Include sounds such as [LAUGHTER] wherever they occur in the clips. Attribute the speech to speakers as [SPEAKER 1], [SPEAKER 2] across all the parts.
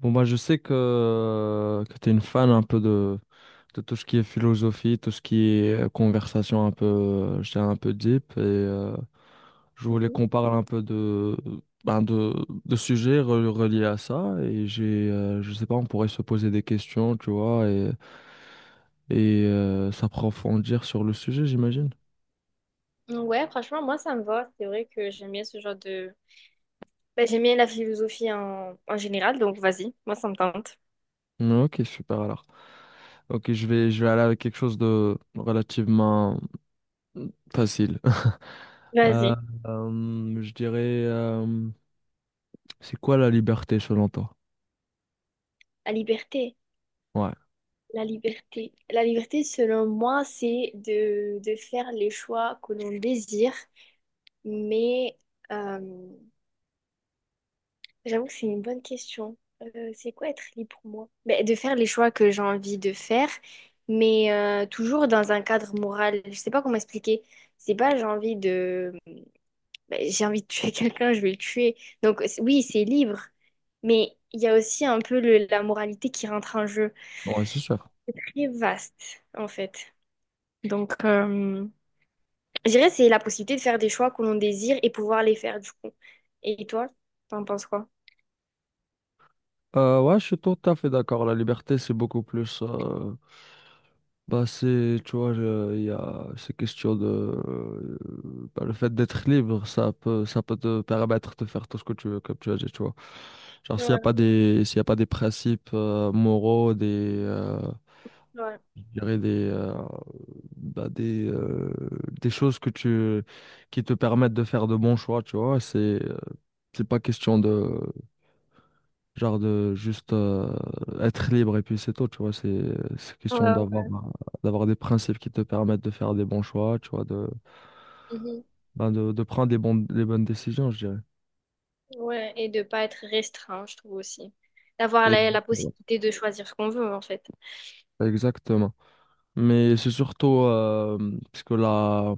[SPEAKER 1] Bon, moi, je sais que tu es une fan un peu de tout ce qui est philosophie, tout ce qui est conversation un peu, je dirais un peu deep. Je voulais qu'on parle un peu ben de, de sujets reliés à ça. Et je sais pas, on pourrait se poser des questions, tu vois, et s'approfondir sur le sujet, j'imagine.
[SPEAKER 2] Mhm. Ouais, franchement, moi, ça me va. C'est vrai que j'aime bien ce genre de... Ben, j'aime bien la philosophie en général, donc vas-y, moi, ça me tente.
[SPEAKER 1] Ok, super alors. Ok, je vais aller avec quelque chose de relativement facile. Euh,
[SPEAKER 2] Vas-y,
[SPEAKER 1] euh, je dirais, euh, c'est quoi la liberté selon toi?
[SPEAKER 2] à liberté.
[SPEAKER 1] Ouais.
[SPEAKER 2] La liberté. La liberté, selon moi, c'est de faire les choix que l'on désire, mais euh, j'avoue que c'est une bonne question. C'est quoi être libre pour moi? Ben, de faire les choix que j'ai envie de faire, mais toujours dans un cadre moral. Je sais pas comment expliquer. C'est pas j'ai envie de... Ben, j'ai envie de tuer [LAUGHS] quelqu'un, je vais le tuer. Donc oui, c'est libre, mais il y a aussi un peu la moralité qui rentre en jeu.
[SPEAKER 1] Ouais, c'est sûr.
[SPEAKER 2] Très vaste, en fait. Donc... je dirais c'est la possibilité de faire des choix que l'on désire et pouvoir les faire du coup. Et toi, t'en penses quoi?
[SPEAKER 1] Ouais, je suis tout à fait d'accord. La liberté, c'est beaucoup plus. C'est, tu vois, il y a ces questions de. Le fait d'être libre, ça peut te permettre de faire tout ce que tu veux, comme tu as dit, tu vois. Genre,
[SPEAKER 2] Ouais,
[SPEAKER 1] s'il y a pas des principes moraux, des, euh,
[SPEAKER 2] ouais.
[SPEAKER 1] je dirais des, bah, des choses que tu, qui te permettent de faire de bons choix, tu vois. Euh, c'est pas question de, genre, de juste être libre et puis c'est tout, tu vois. C'est
[SPEAKER 2] Ouais,
[SPEAKER 1] question
[SPEAKER 2] ouais.
[SPEAKER 1] d'avoir des principes qui te permettent de faire des bons choix, tu vois,
[SPEAKER 2] Mhm.
[SPEAKER 1] de prendre des bonnes décisions, je dirais.
[SPEAKER 2] Ouais, et de pas être restreint, je trouve aussi. D'avoir la, la
[SPEAKER 1] Voilà.
[SPEAKER 2] possibilité de choisir ce qu'on veut, en fait.
[SPEAKER 1] Exactement. Mais c'est surtout, parce que là,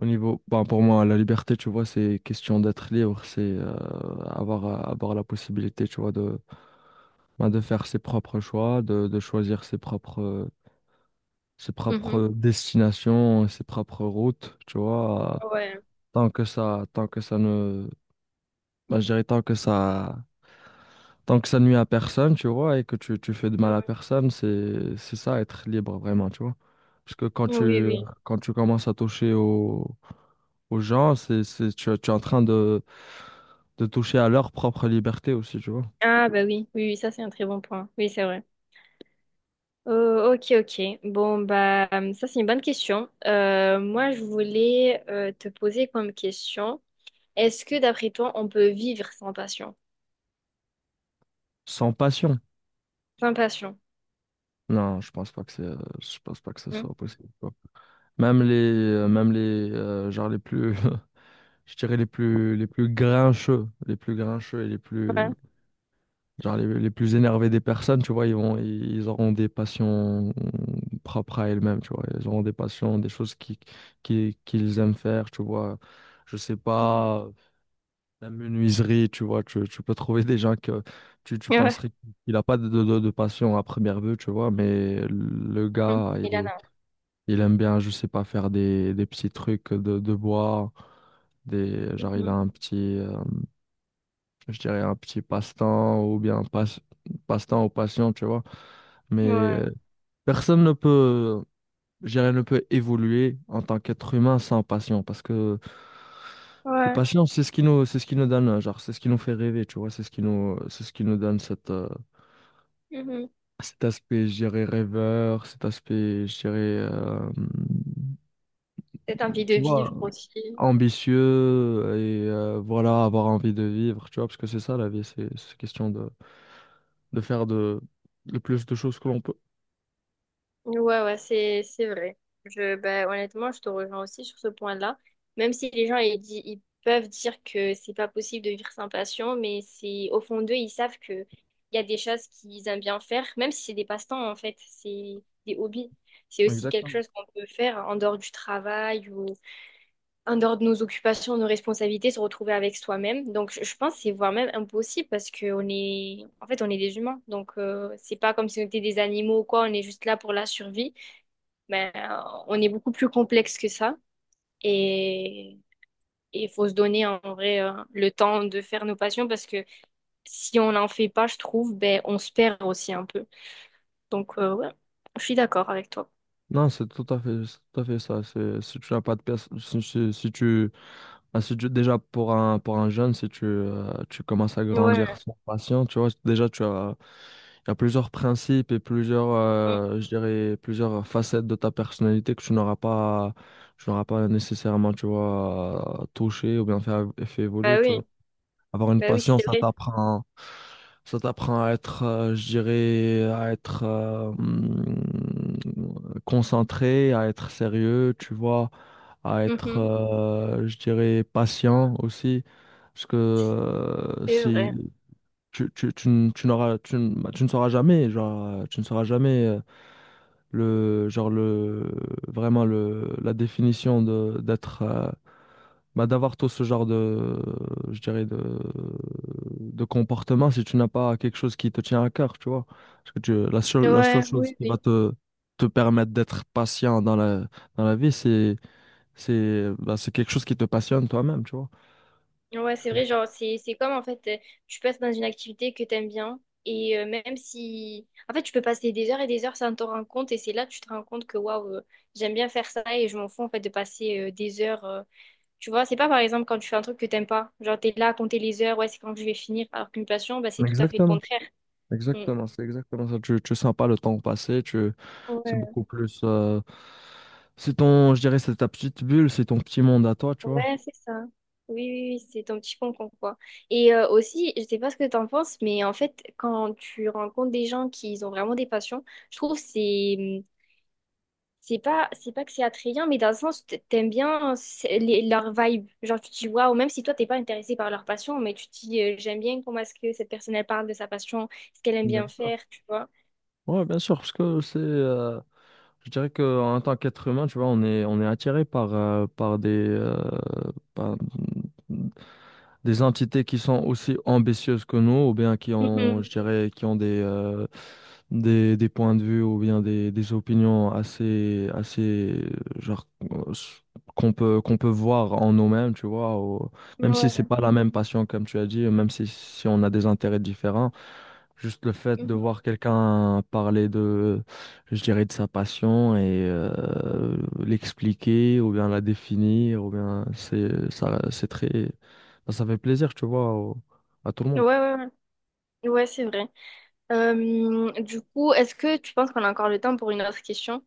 [SPEAKER 1] au niveau, ben, pour moi, la liberté, tu vois, c'est question d'être libre, c'est avoir la possibilité, tu vois, de faire ses propres choix, de choisir ses
[SPEAKER 2] Mhm.
[SPEAKER 1] propres destinations, ses propres routes, tu vois.
[SPEAKER 2] Ouais.
[SPEAKER 1] Tant que ça ne, ben, je dirais tant que ça, tant que ça nuit à personne, tu vois, et que tu fais de mal à
[SPEAKER 2] Ouais.
[SPEAKER 1] personne, c'est ça, être libre vraiment, tu vois. Parce que
[SPEAKER 2] Oui, oui.
[SPEAKER 1] quand tu commences à aux gens, tu es en train de toucher à leur propre liberté aussi, tu vois.
[SPEAKER 2] Ah, bah oui, oui, oui, ça c'est un très bon point. Oui, c'est vrai. Oh, ok, ok. Bon, bah, ça c'est une bonne question. Moi, je voulais te poser comme question, est-ce que d'après toi, on peut vivre sans passion?
[SPEAKER 1] Sans passion.
[SPEAKER 2] Sans passion.
[SPEAKER 1] Non, je pense pas que ce
[SPEAKER 2] Hmm?
[SPEAKER 1] soit possible, tu vois. Genre les plus, [LAUGHS] je dirais les plus grincheux,
[SPEAKER 2] Ouais.
[SPEAKER 1] genre les plus énervés des personnes, tu vois, ils auront des passions propres à elles-mêmes, tu vois. Ils auront des passions, des choses qu'ils aiment faire, tu vois. Je sais
[SPEAKER 2] Mhm.
[SPEAKER 1] pas, la menuiserie, tu vois. Tu peux trouver des gens que tu
[SPEAKER 2] Ouais.
[SPEAKER 1] penserais qu'il a pas de passion à première vue, tu vois. Mais le
[SPEAKER 2] Mhm.
[SPEAKER 1] gars,
[SPEAKER 2] Elana.
[SPEAKER 1] il aime bien, je sais pas, faire des petits trucs de bois. Il
[SPEAKER 2] Mhm.
[SPEAKER 1] a un petit, je dirais un petit passe-temps ou passion, tu vois. Mais
[SPEAKER 2] Ouais.
[SPEAKER 1] euh, Personne ne peut, ne peut évoluer en tant qu'être humain sans passion, parce que les
[SPEAKER 2] Ouais.
[SPEAKER 1] passions, c'est ce qui nous, c'est ce qui nous donne, genre, c'est ce qui nous fait rêver, tu vois, c'est ce qui nous donne
[SPEAKER 2] Mhm.
[SPEAKER 1] cet aspect, je dirais, rêveur, cet aspect, je dirais,
[SPEAKER 2] Cette envie de
[SPEAKER 1] tu vois,
[SPEAKER 2] vivre aussi.
[SPEAKER 1] ambitieux, voilà, avoir envie de vivre, tu vois, parce que c'est ça la vie, c'est question de faire le plus de choses que l'on peut.
[SPEAKER 2] Ouais, ouais, c'est vrai. Ben, honnêtement, je te rejoins aussi sur ce point-là. Même si les gens ils peuvent dire que c'est pas possible de vivre sans passion, mais c'est au fond d'eux, ils savent que il y a des choses qu'ils aiment bien faire, même si c'est des passe-temps en fait, c'est des hobbies. C'est aussi quelque
[SPEAKER 1] Exactement.
[SPEAKER 2] chose qu'on peut faire en dehors du travail ou en dehors de nos occupations, nos responsabilités, se retrouver avec soi-même. Donc, je pense que c'est voire même impossible parce que on est, en fait, on est des humains. Donc, c'est pas comme si on était des animaux ou quoi. On est juste là pour la survie. Mais on est beaucoup plus complexe que ça. Et il faut se donner en vrai le temps de faire nos passions parce que si on n'en fait pas, je trouve, ben on se perd aussi un peu. Donc, ouais, je suis d'accord avec toi.
[SPEAKER 1] Non, c'est tout à fait ça. C'est, si tu n'as pas de pièce, si, si- si tu, ah, si tu- Déjà pour pour un jeune, si tu, tu commences à grandir
[SPEAKER 2] Ouais.
[SPEAKER 1] sans patience, tu vois, déjà il y a plusieurs principes et plusieurs, plusieurs facettes de ta personnalité que tu n'auras pas nécessairement, tu vois, touché ou bien fait évoluer,
[SPEAKER 2] Bah
[SPEAKER 1] tu vois.
[SPEAKER 2] oui,
[SPEAKER 1] Avoir une
[SPEAKER 2] bah oui,
[SPEAKER 1] passion,
[SPEAKER 2] c'est vrai.
[SPEAKER 1] ça t'apprend à être, à être concentré, à être sérieux, tu vois, à être,
[SPEAKER 2] Mhm.
[SPEAKER 1] patient aussi. Parce que
[SPEAKER 2] C'est vrai.
[SPEAKER 1] si tu, tu, tu, n- tu n'auras, tu, n- bah, tu ne sauras jamais, genre, tu ne sauras jamais le, genre, le, vraiment le, la définition d'avoir tout ce genre de, je dirais, de comportement si tu n'as pas quelque chose qui te tient à cœur, tu vois. Parce que la seule
[SPEAKER 2] Ouais,
[SPEAKER 1] chose
[SPEAKER 2] oui.
[SPEAKER 1] qui va
[SPEAKER 2] Oui.
[SPEAKER 1] te permettre d'être patient dans la vie, c'est quelque chose qui te passionne toi-même, tu vois.
[SPEAKER 2] Ouais, c'est vrai, genre, c'est comme en fait, tu passes dans une activité que t'aimes bien, et même si. En fait, tu peux passer des heures et des heures sans t'en rendre compte, et c'est là que tu te rends compte que waouh, j'aime bien faire ça, et je m'en fous en fait de passer des heures. Tu vois, c'est pas par exemple quand tu fais un truc que t'aimes pas, genre t'es là à compter les heures, ouais, c'est quand je vais finir, alors qu'une passion, bah, c'est tout à fait le
[SPEAKER 1] Exactement.
[SPEAKER 2] contraire. Mm.
[SPEAKER 1] C'est exactement ça. Tu sens pas le temps passer, c'est
[SPEAKER 2] Ouais.
[SPEAKER 1] beaucoup plus, c'est ton, c'est ta petite bulle, c'est ton petit monde à toi, tu vois.
[SPEAKER 2] Ouais, c'est ça. Oui, oui, oui, c'est ton petit concon, quoi. Et aussi, je sais pas ce que t'en penses, mais en fait, quand tu rencontres des gens qui ils ont vraiment des passions, je trouve que c'est c'est pas que c'est attrayant, mais dans le sens t'aimes bien leur vibe. Genre tu te dis waouh, même si toi t'es pas intéressé par leur passion, mais tu te dis j'aime bien comment est-ce que cette personne elle parle de sa passion, ce qu'elle aime
[SPEAKER 1] Bien
[SPEAKER 2] bien
[SPEAKER 1] sûr.
[SPEAKER 2] faire, tu vois.
[SPEAKER 1] Ouais, bien sûr, parce que je dirais que en tant qu'être humain, tu vois, on est attiré par des entités qui sont aussi ambitieuses que nous, ou bien qui ont, je
[SPEAKER 2] Mhm.
[SPEAKER 1] dirais, qui ont des points de vue ou bien des opinions assez qu'on peut voir en nous-mêmes, tu vois, ou- même si c'est
[SPEAKER 2] Ouais.
[SPEAKER 1] pas la même passion comme tu as dit, même si on a des intérêts différents. Juste le fait de
[SPEAKER 2] Mhm.
[SPEAKER 1] voir quelqu'un parler de, de sa passion et l'expliquer ou bien la définir, ou bien c'est ça, ça fait plaisir, tu vois, à tout le
[SPEAKER 2] Ouais,
[SPEAKER 1] monde.
[SPEAKER 2] ouais, ouais, ouais, c'est vrai. Du coup, est-ce que tu penses qu'on a encore le temps pour une autre question?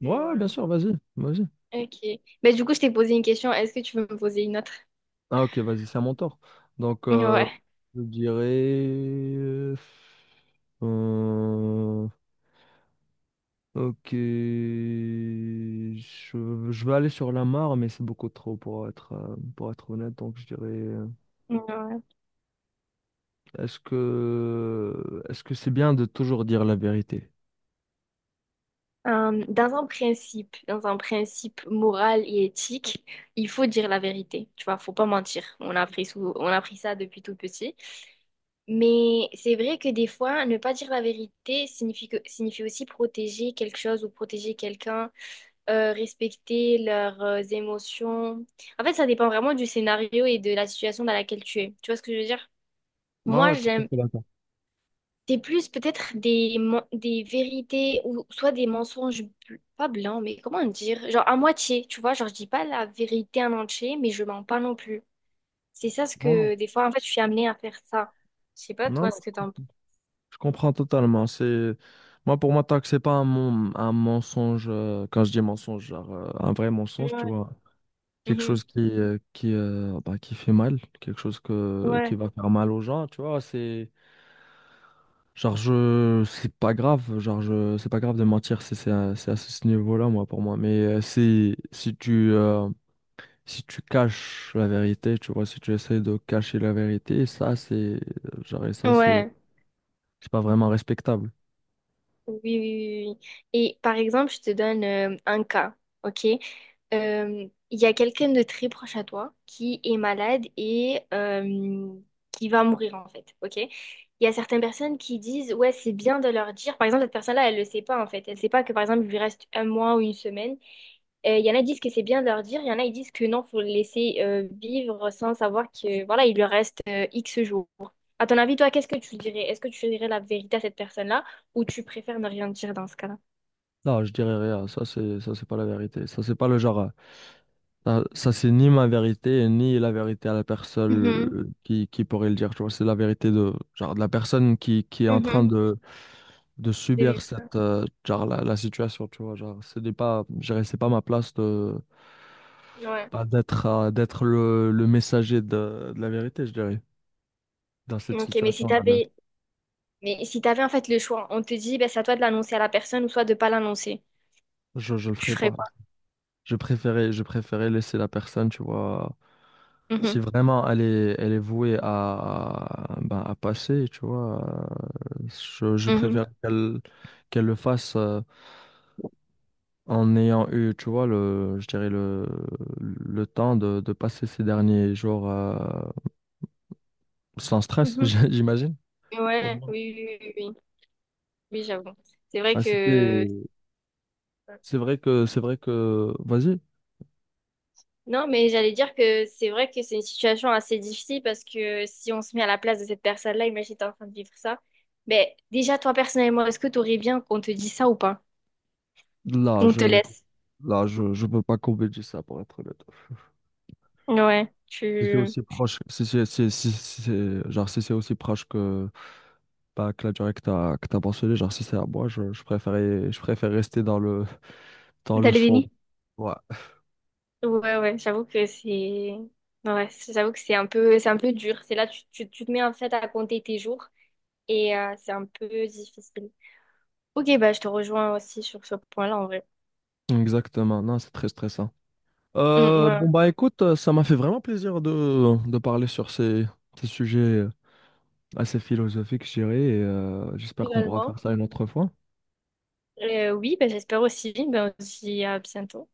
[SPEAKER 1] Ouais,
[SPEAKER 2] Ouais.
[SPEAKER 1] bien sûr, vas-y.
[SPEAKER 2] Ok. Mais du coup, je t'ai posé une question. Est-ce que tu veux me poser une autre?
[SPEAKER 1] Ah ok, vas-y, c'est à mon tour. Donc,
[SPEAKER 2] Ouais.
[SPEAKER 1] je dirais, euh, ok, je vais aller sur la mare, mais c'est beaucoup trop pour pour être honnête, donc je dirais.
[SPEAKER 2] Ouais.
[SPEAKER 1] Est-ce que c'est bien de toujours dire la vérité?
[SPEAKER 2] Dans un principe moral et éthique, il faut dire la vérité. Tu vois, faut pas mentir. On a appris on a appris ça depuis tout petit. Mais c'est vrai que des fois, ne pas dire la vérité signifie aussi protéger quelque chose ou protéger quelqu'un, respecter leurs émotions. En fait, ça dépend vraiment du scénario et de la situation dans laquelle tu es. Tu vois ce que je veux dire?
[SPEAKER 1] Ouais,
[SPEAKER 2] Moi,
[SPEAKER 1] ouais, tout à
[SPEAKER 2] j'aime.
[SPEAKER 1] fait d'accord.
[SPEAKER 2] C'est plus peut-être des vérités ou soit des mensonges, pas blancs, mais comment dire? Genre à moitié, tu vois? Genre, je dis pas la vérité en entier, mais je mens pas non plus. C'est ça ce
[SPEAKER 1] Non,
[SPEAKER 2] que, des fois, en fait, je suis amenée à faire ça. Je sais pas,
[SPEAKER 1] non,
[SPEAKER 2] toi,
[SPEAKER 1] non,
[SPEAKER 2] ce
[SPEAKER 1] je
[SPEAKER 2] que
[SPEAKER 1] com-
[SPEAKER 2] t'en penses.
[SPEAKER 1] Je comprends totalement. C'est moi... pour moi tant que c'est pas un mensonge, quand je dis mensonge, genre un vrai mensonge, tu
[SPEAKER 2] Ouais.
[SPEAKER 1] vois, quelque
[SPEAKER 2] Mhm.
[SPEAKER 1] chose qui fait mal, quelque chose que qui
[SPEAKER 2] Ouais.
[SPEAKER 1] va faire mal aux gens, tu vois, c'est genre... je c'est pas grave, genre je c'est pas grave de mentir, c'est à ce niveau-là moi... pour moi. Si tu caches la vérité, tu vois, si tu essaies de cacher la vérité, ça
[SPEAKER 2] Ouais.
[SPEAKER 1] c'est pas vraiment respectable.
[SPEAKER 2] Oui, oui, oui, oui, oui. Et par exemple, je te donne un cas, ok? Il y a quelqu'un de très proche à toi qui est malade et qui va mourir en fait, ok? Il y a certaines personnes qui disent, ouais, c'est bien de leur dire. Par exemple, cette personne-là, elle le sait pas en fait. Elle sait pas que par exemple, il lui reste un mois ou une semaine. Il y en a qui disent que c'est bien de leur dire, il y en a qui disent que non, faut le laisser vivre sans savoir que voilà, il lui reste X jours. À ton avis, toi, qu'est-ce que tu dirais? Est-ce que tu dirais la vérité à cette personne-là? Ou tu préfères ne rien dire dans ce cas-là?
[SPEAKER 1] Là, je dirais rien, ça c'est pas la vérité, ça c'est pas le genre, c'est ni ma vérité, ni la vérité à la personne
[SPEAKER 2] Mhm,
[SPEAKER 1] qui pourrait le dire, tu vois, c'est la vérité de, genre, de la personne qui est en train
[SPEAKER 2] mhm,
[SPEAKER 1] de
[SPEAKER 2] de
[SPEAKER 1] subir
[SPEAKER 2] vivre ça.
[SPEAKER 1] cette, la situation, tu vois, genre, ce n'est pas, je dirais, c'est pas ma place de,
[SPEAKER 2] Ouais.
[SPEAKER 1] pas d'être, d'être le messager de la vérité, je dirais, dans cette
[SPEAKER 2] Ok,
[SPEAKER 1] situation-là même.
[SPEAKER 2] mais si t'avais en fait le choix, on te dit, ben, c'est à toi de l'annoncer à la personne ou soit de pas l'annoncer.
[SPEAKER 1] Je le
[SPEAKER 2] Tu
[SPEAKER 1] ferai
[SPEAKER 2] ferais
[SPEAKER 1] pas.
[SPEAKER 2] quoi?
[SPEAKER 1] Je préférais laisser la personne, tu vois. Si
[SPEAKER 2] Mhm,
[SPEAKER 1] vraiment elle est vouée à, ben, à passer, tu vois, euh, je
[SPEAKER 2] mhm,
[SPEAKER 1] préfère qu'elle le fasse en ayant eu, tu vois, le, je dirais le temps de passer ces derniers jours sans stress, [LAUGHS]
[SPEAKER 2] mhm.
[SPEAKER 1] j'imagine. Au
[SPEAKER 2] Ouais,
[SPEAKER 1] moins.
[SPEAKER 2] oui, oui, oui, oui, oui, oui, j'avoue. C'est vrai
[SPEAKER 1] Ah,
[SPEAKER 2] que...
[SPEAKER 1] c'était, c'est vrai que, Vas-y.
[SPEAKER 2] Non, mais j'allais dire que c'est vrai que c'est une situation assez difficile parce que si on se met à la place de cette personne-là, imagine t'es en train de vivre ça. Ben, déjà, toi, personnellement, est-ce que t'aurais bien qu'on te dise ça ou pas?
[SPEAKER 1] là,
[SPEAKER 2] On te
[SPEAKER 1] je,
[SPEAKER 2] laisse.
[SPEAKER 1] Là, je peux pas combler ça pour être honnête.
[SPEAKER 2] Ouais,
[SPEAKER 1] Si c'est
[SPEAKER 2] tu...
[SPEAKER 1] aussi proche, si c'est si- si- si c'est- genre si c'est aussi proche que... pas que la durée que t'as mentionnée, genre si c'est à moi, je préférais... je préfère rester dans le
[SPEAKER 2] T'as le
[SPEAKER 1] sombre.
[SPEAKER 2] déni?
[SPEAKER 1] Ouais,
[SPEAKER 2] Ouais, ouais, j'avoue que c'est... Ouais, c'est- j'avoue que c'est un peu dur. C'est là, tu te mets en fait à compter tes jours et c'est un peu difficile. Ok, bah je te rejoins aussi sur ce point-là en vrai.
[SPEAKER 1] exactement. Non, c'est très stressant.
[SPEAKER 2] Mm, ouais.
[SPEAKER 1] Bon, bah écoute, ça m'a fait vraiment plaisir de parler sur ces sujets assez philosophiques, je dirais, et j'espère qu'on pourra
[SPEAKER 2] Également.
[SPEAKER 1] faire ça une autre fois.
[SPEAKER 2] Oui, bah, j'espère aussi. Bah, on se dit à bientôt.